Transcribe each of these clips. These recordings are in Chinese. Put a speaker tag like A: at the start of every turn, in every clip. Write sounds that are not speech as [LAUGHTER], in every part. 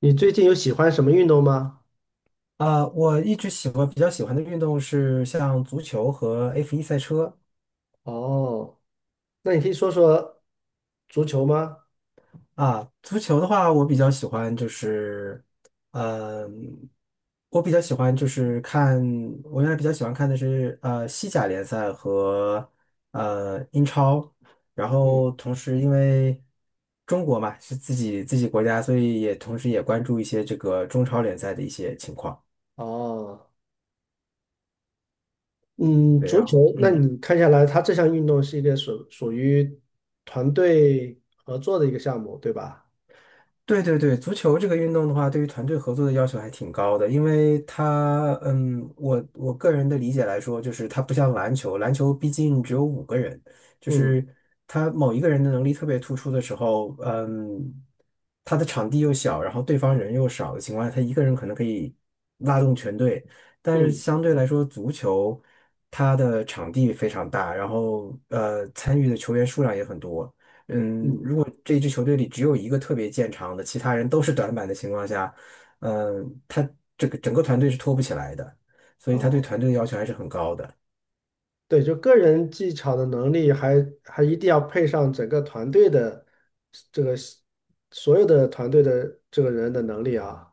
A: 你最近有喜欢什么运动吗？
B: 啊，我一直喜欢比较喜欢的运动是像足球和 F1 赛车
A: 哦，那你可以说说足球吗？
B: 啊。足球的话，嗯、我比较喜欢就是看，我原来比较喜欢看的是西甲联赛和英超，然
A: 嗯，
B: 后同时因为中国嘛是自己国家，所以也同时也关注一些这个中超联赛的一些情况。
A: 哦，嗯，
B: 对，
A: 足
B: 然
A: 球，
B: 后
A: 那
B: 嗯。
A: 你看下来，它这项运动是一个属于团队合作的一个项目，对吧？
B: 对对对，足球这个运动的话，对于团队合作的要求还挺高的，因为它，我个人的理解来说，就是它不像篮球，篮球毕竟只有五个人，就
A: 嗯
B: 是他某一个人的能力特别突出的时候，他的场地又小，然后对方人又少的情况下，他一个人可能可以拉动全队，但是
A: 嗯
B: 相对来说，足球它的场地非常大，然后参与的球员数量也很多。如
A: 嗯，
B: 果这支球队里只有一个特别见长的，其他人都是短板的情况下，嗯，他这个整个团队是拖不起来的，所以他对
A: 哦，
B: 团队的要求还是很高的。
A: 对，就个人技巧的能力还，一定要配上整个团队的这个所有的团队的这个人的能力啊。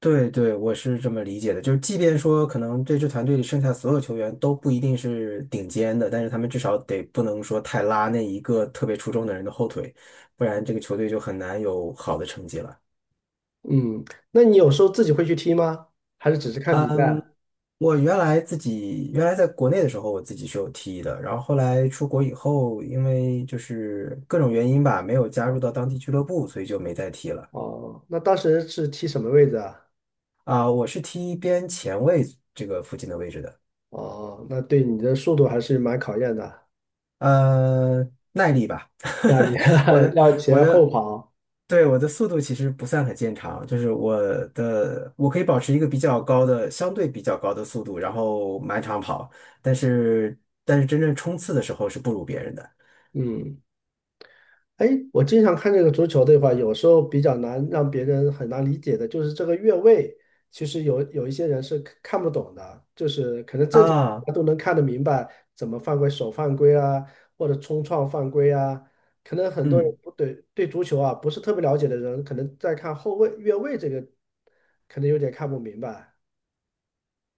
B: 对对，我是这么理解的，就是即便说可能这支团队里剩下所有球员都不一定是顶尖的，但是他们至少得不能说太拉那一个特别出众的人的后腿，不然这个球队就很难有好的成绩了。
A: 嗯，那你有时候自己会去踢吗？还是只是看比
B: 嗯，
A: 赛？
B: 我自己原来在国内的时候，我自己是有踢的，然后后来出国以后，因为就是各种原因吧，没有加入到当地俱乐部，所以就没再踢了。
A: 哦，那当时是踢什么位置啊？
B: 啊、我是踢边前卫这个附近的位置的，
A: 哦，那对你的速度还是蛮考验的。
B: 呃，耐力吧，
A: 那你
B: [LAUGHS] 我
A: [LAUGHS]
B: 的
A: 要
B: 我
A: 前后
B: 的，
A: 跑，
B: 对，我的速度其实不算很见长，就是我可以保持一个比较高的相对比较高的速度，然后满场跑。但是但是真正冲刺的时候是不如别人的。
A: 嗯，哎，我经常看这个足球的话，有时候比较难让别人很难理解的，就是这个越位，其实有一些人是看不懂的，就是可能正常
B: 啊，
A: 他都能看得明白怎么犯规，手犯规啊，或者冲撞犯规啊，可能很多人
B: 嗯。
A: 不对足球啊不是特别了解的人，可能在看后卫越位这个，可能有点看不明白。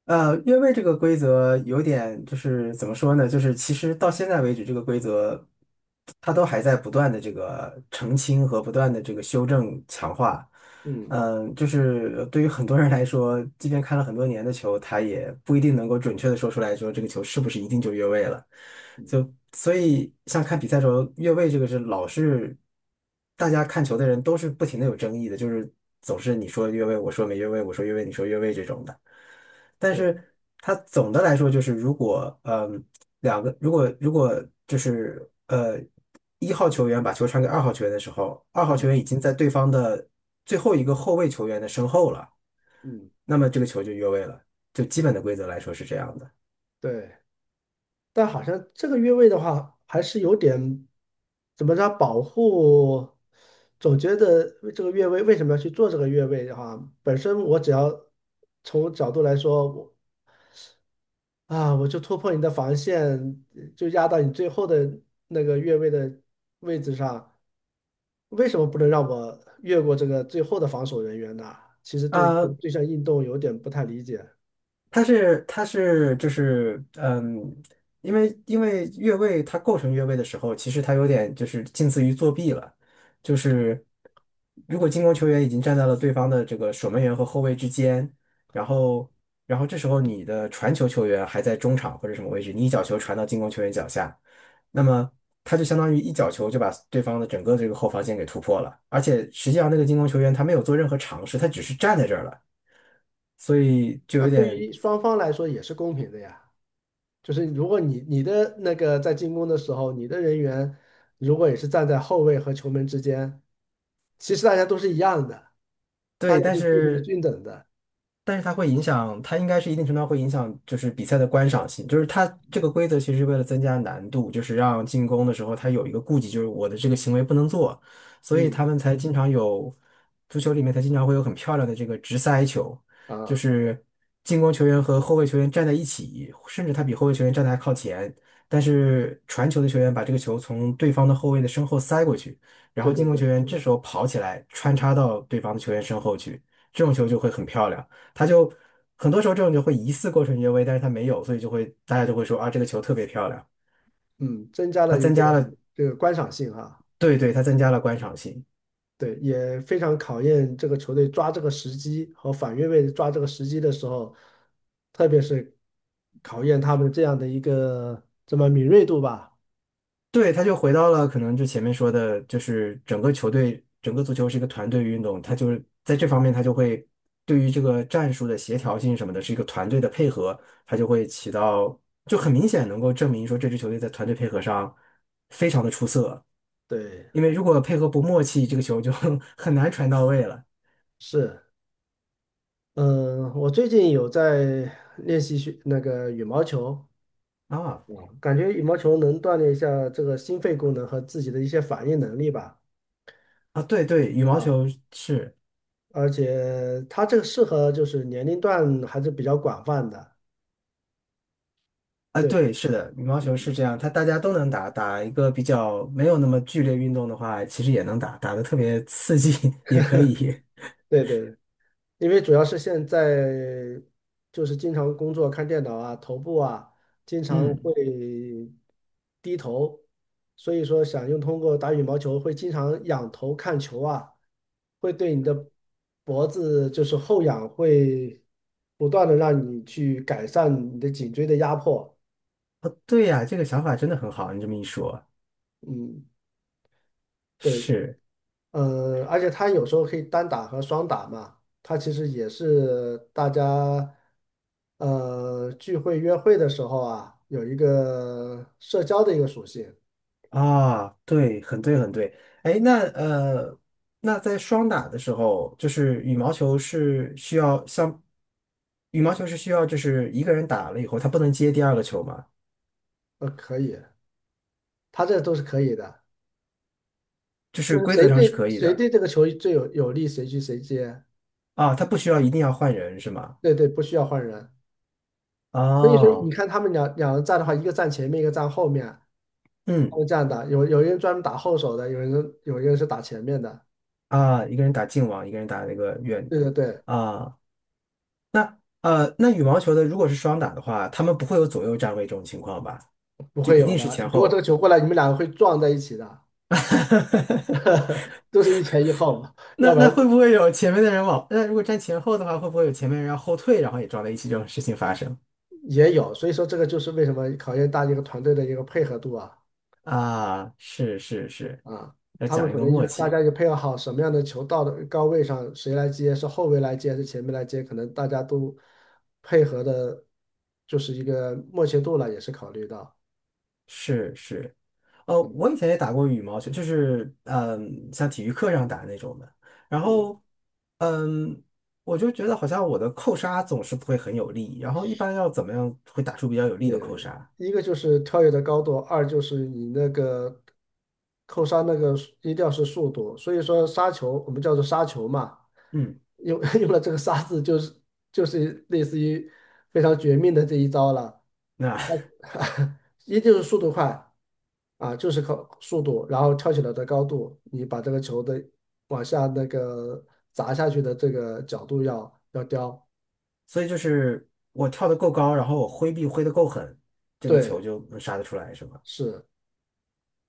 B: 越位这个规则有点就是怎么说呢？就是其实到现在为止，这个规则它都还在不断的这个澄清和不断的这个修正强化。
A: 嗯，
B: 嗯，就是对于很多人来说，即便看了很多年的球，他也不一定能够准确的说出来说这个球是不是一定就越位了。就所以像看比赛的时候，越位这个是老是大家看球的人都是不停的有争议的，就是总是你说越位，我说没越位，我说越位，你说越位这种的。但
A: 对，
B: 是它总的来说就是，如果嗯两个如果如果就是一号球员把球传给二号球员的时候，二号球
A: 嗯
B: 员已经在对方的最后一个后卫球员的身后了，
A: 嗯，
B: 那么这个球就越位了。就基本的规则来说是这样的。
A: 对，但好像这个越位的话，还是有点怎么着保护，总觉得这个越位为什么要去做这个越位的话，本身我只要从角度来说，我就突破你的防线，就压到你最后的那个越位的位置上，为什么不能让我越过这个最后的防守人员呢？其实对这个
B: 啊。
A: 这项运动有点不太理解。
B: 它是就是因为越位它构成越位的时候，其实它有点就是近似于作弊了，就是如果进攻球员已经站在了对方的这个守门员和后卫之间，然后然后这时候你的传球球员还在中场或者什么位置，你一脚球传到进攻球员脚下，那么他就相当于一脚球就把对方的整个这个后防线给突破了，而且实际上那个进攻球员他没有做任何尝试，他只是站在这儿了。所以就
A: 那
B: 有
A: 对
B: 点
A: 于双方来说也是公平的呀。就是如果你的那个在进攻的时候，你的人员如果也是站在后卫和球门之间，其实大家都是一样的，大
B: 对，
A: 家
B: 但
A: 都机会是
B: 是
A: 均等的。
B: 但是它会影响，它应该是一定程度上会影响，就是比赛的观赏性。就是它这个规则其实是为了增加难度，就是让进攻的时候它有一个顾忌，就是我的这个行为不能做，所以他
A: 嗯，
B: 们才经常有足球里面才经常会有很漂亮的这个直塞球，就
A: 啊，
B: 是进攻球员和后卫球员站在一起，甚至他比后卫球员站得还靠前，但是传球的球员把这个球从对方的后卫的身后塞过去，然
A: 对
B: 后
A: 对
B: 进攻球
A: 对，
B: 员这时候跑起来穿插到对方的球员身后去，这种球就会很漂亮。他就很多时候这种就会疑似过纯越位，但是他没有，所以就会大家就会说啊，这个球特别漂亮，
A: 嗯，增加
B: 他
A: 了一
B: 增
A: 个
B: 加了，
A: 这个观赏性哈，
B: 对对，他增加了观赏性，
A: 对，也非常考验这个球队抓这个时机和反越位抓这个时机的时候，特别是考验他们这样的一个这么敏锐度吧。
B: 对，他就回到了可能就前面说的，就是整个球队，整个足球是一个团队运动，他就是在这方面他就会对于这个战术的协调性什么的，是一个团队的配合，他就会起到就很明显能够证明说这支球队在团队配合上非常的出色，
A: 对，
B: 因为如果配合不默契，这个球就 [LAUGHS] 很难传到位了
A: 是。嗯，我最近有在练习学那个羽毛球，
B: 啊。
A: 我感觉羽毛球能锻炼一下这个心肺功能和自己的一些反应能力吧。
B: 啊，对对，羽毛
A: 啊，
B: 球是，
A: 而且它这个适合就是年龄段还是比较广泛的。
B: 啊，对，
A: 对
B: 是的，羽毛球是这样，它大家都能打，打一个比较没有那么剧烈运动的话，其实也能打，打的特别刺激 [LAUGHS] 也可以。
A: 对对，因为主要是现在就是经常工作看电脑啊，头部啊，经
B: [LAUGHS]
A: 常会
B: 嗯，
A: 低头，所以说想用通过打羽毛球会经常仰头看球啊。会对你的脖子就是后仰，会不断的让你去改善你的颈椎的压迫。
B: 哦，对呀，这个想法真的很好，你这么一说，
A: 嗯，对，
B: 是
A: 而且它有时候可以单打和双打嘛，它其实也是大家聚会约会的时候啊，有一个社交的一个属性。
B: 啊，对，很对，很对。哎，那那在双打的时候，就是羽毛球是需要就是一个人打了以后，他不能接第二个球吗？
A: 可以，它这都是可以的，
B: 就
A: 就
B: 是
A: 是
B: 规则
A: 谁
B: 上是
A: 对
B: 可以
A: 谁
B: 的。
A: 对这个球最有利，谁去谁接。
B: 啊，他不需要一定要换人是吗？
A: 对对，不需要换人。所以说你
B: 哦，
A: 看他们两人站的话，一个站前面，一个站后面，
B: 嗯，
A: 他这样的，有人专门打后手的，有一个人是打前面的。
B: 啊，一个人打近网，一个人打那个远
A: 对
B: 的
A: 对对，
B: 啊，那那羽毛球的如果是双打的话，他们不会有左右站位这种情况吧？
A: 不
B: 就
A: 会
B: 一
A: 有
B: 定是
A: 的。
B: 前
A: 如果这个
B: 后。
A: 球过来，你们两个会撞在一起的，
B: [LAUGHS]
A: [LAUGHS] 都是一前一后嘛，要
B: 那
A: 不
B: 那
A: 然
B: 会不会有前面的人往？那如果站前后的话，会不会有前面人要后退，然后也撞在一起这种事情发生？
A: 也有。所以说这个就是为什么考验大家一个团队的一个配合度啊
B: 啊，是是是，
A: 啊，
B: 要
A: 他们
B: 讲一
A: 可
B: 个
A: 能就
B: 默
A: 是大
B: 契。
A: 家也配合好什么样的球到的高位上，谁来接，是后卫来接还是前面来接，可能大家都配合的，就是一个默契度了，也是考虑到。
B: 是是，
A: 嗯
B: 我以前也打过羽毛球，就是像体育课上打那种的。然
A: 嗯，
B: 后，嗯，我就觉得好像我的扣杀总是不会很有力，然后一般要怎么样会打出比较有力的扣
A: 对，
B: 杀？
A: 一个就是跳跃的高度，二就是你那个扣杀那个一定要是速度，所以说杀球我们叫做杀球嘛，
B: 嗯，
A: 用 [LAUGHS] 用了这个杀字就是类似于非常绝命的这一招了，
B: 那
A: [LAUGHS] 一定是速度快啊，就是靠速度，然后跳起来的高度，你把这个球的往下那个砸下去的这个角度要刁，
B: [LAUGHS] 所以就是我跳得够高，然后我挥臂挥得够狠，这个球
A: 对，
B: 就能杀得出来，是吗？
A: 是。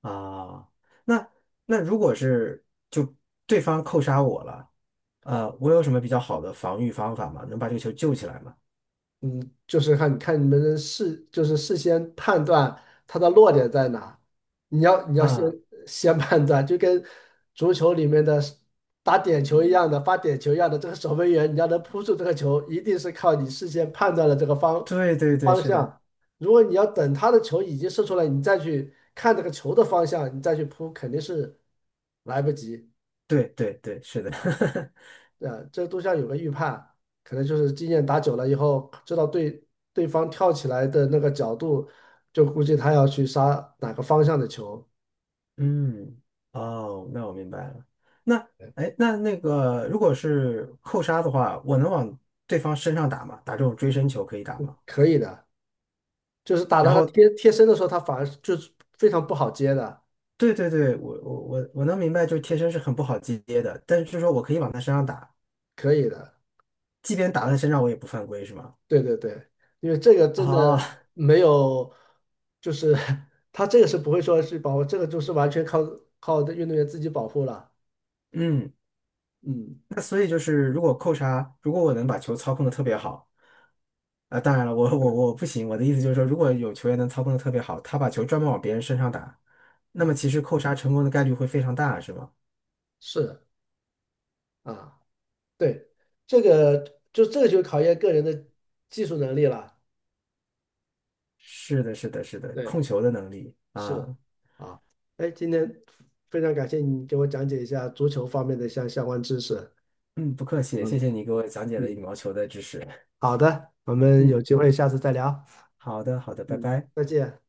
B: 啊，那那如果对方扣杀我了，我有什么比较好的防御方法吗？能把这个球救起来吗？
A: 就是看看你们的事，就是事先判断它的落点在哪。你要先
B: 啊、
A: 先判断，就跟足球里面的打点球一样的，发点球一样的，这个守门员你要能扑住这个球，一定是靠你事先判断了这个方
B: 对对对，
A: 方
B: 是的，
A: 向。如果你要等他的球已经射出来，你再去看这个球的方向，你再去扑，肯定是来不及。
B: 对对对，是的，[LAUGHS]
A: 啊，这都像有个预判，可能就是经验打久了以后，知道对方跳起来的那个角度，就估计他要去杀哪个方向的球，
B: 嗯，哦，那我明白了。那哎，那个如果是扣杀的话，我能往对方身上打吗？打这种追身球可以打吗？
A: 可以的。就是打
B: 然
A: 到他
B: 后，
A: 贴身的时候，他反而就是非常不好接的，
B: 对对对，我能明白，就是贴身是很不好接的，但是就是说我可以往他身上打，
A: 可以的。
B: 即便打在身上，我也不犯规，是吗？
A: 对对对，因为这个真的
B: 啊、
A: 没有，就是 [LAUGHS] 他这个是不会说是保护，这个就是完全靠运动员自己保护了。
B: 嗯
A: 嗯，
B: 那所以就是，如果扣杀，如果我能把球操控的特别好，啊，当然了，我我
A: 对
B: 我不行。我的意思就是说，如果有球员能操控的特别好，他把球专门往别人身上打，那么
A: 啊，
B: 其实扣杀成功的概率会非常大，是吗？
A: 是啊。对，这个这个就考验个人的技术能力了。
B: 是的，是的，是的，
A: 对，
B: 控球的能力
A: 是
B: 啊，
A: 啊，哎，今天非常感谢你给我讲解一下足球方面的相关知识。
B: 嗯，不客气，谢
A: 嗯
B: 谢你给我讲解了羽
A: 嗯，
B: 毛球的知识。
A: 好的，我们有
B: 嗯，
A: 机会下次再聊。
B: 好的，好的，拜
A: 嗯，
B: 拜。
A: 再见。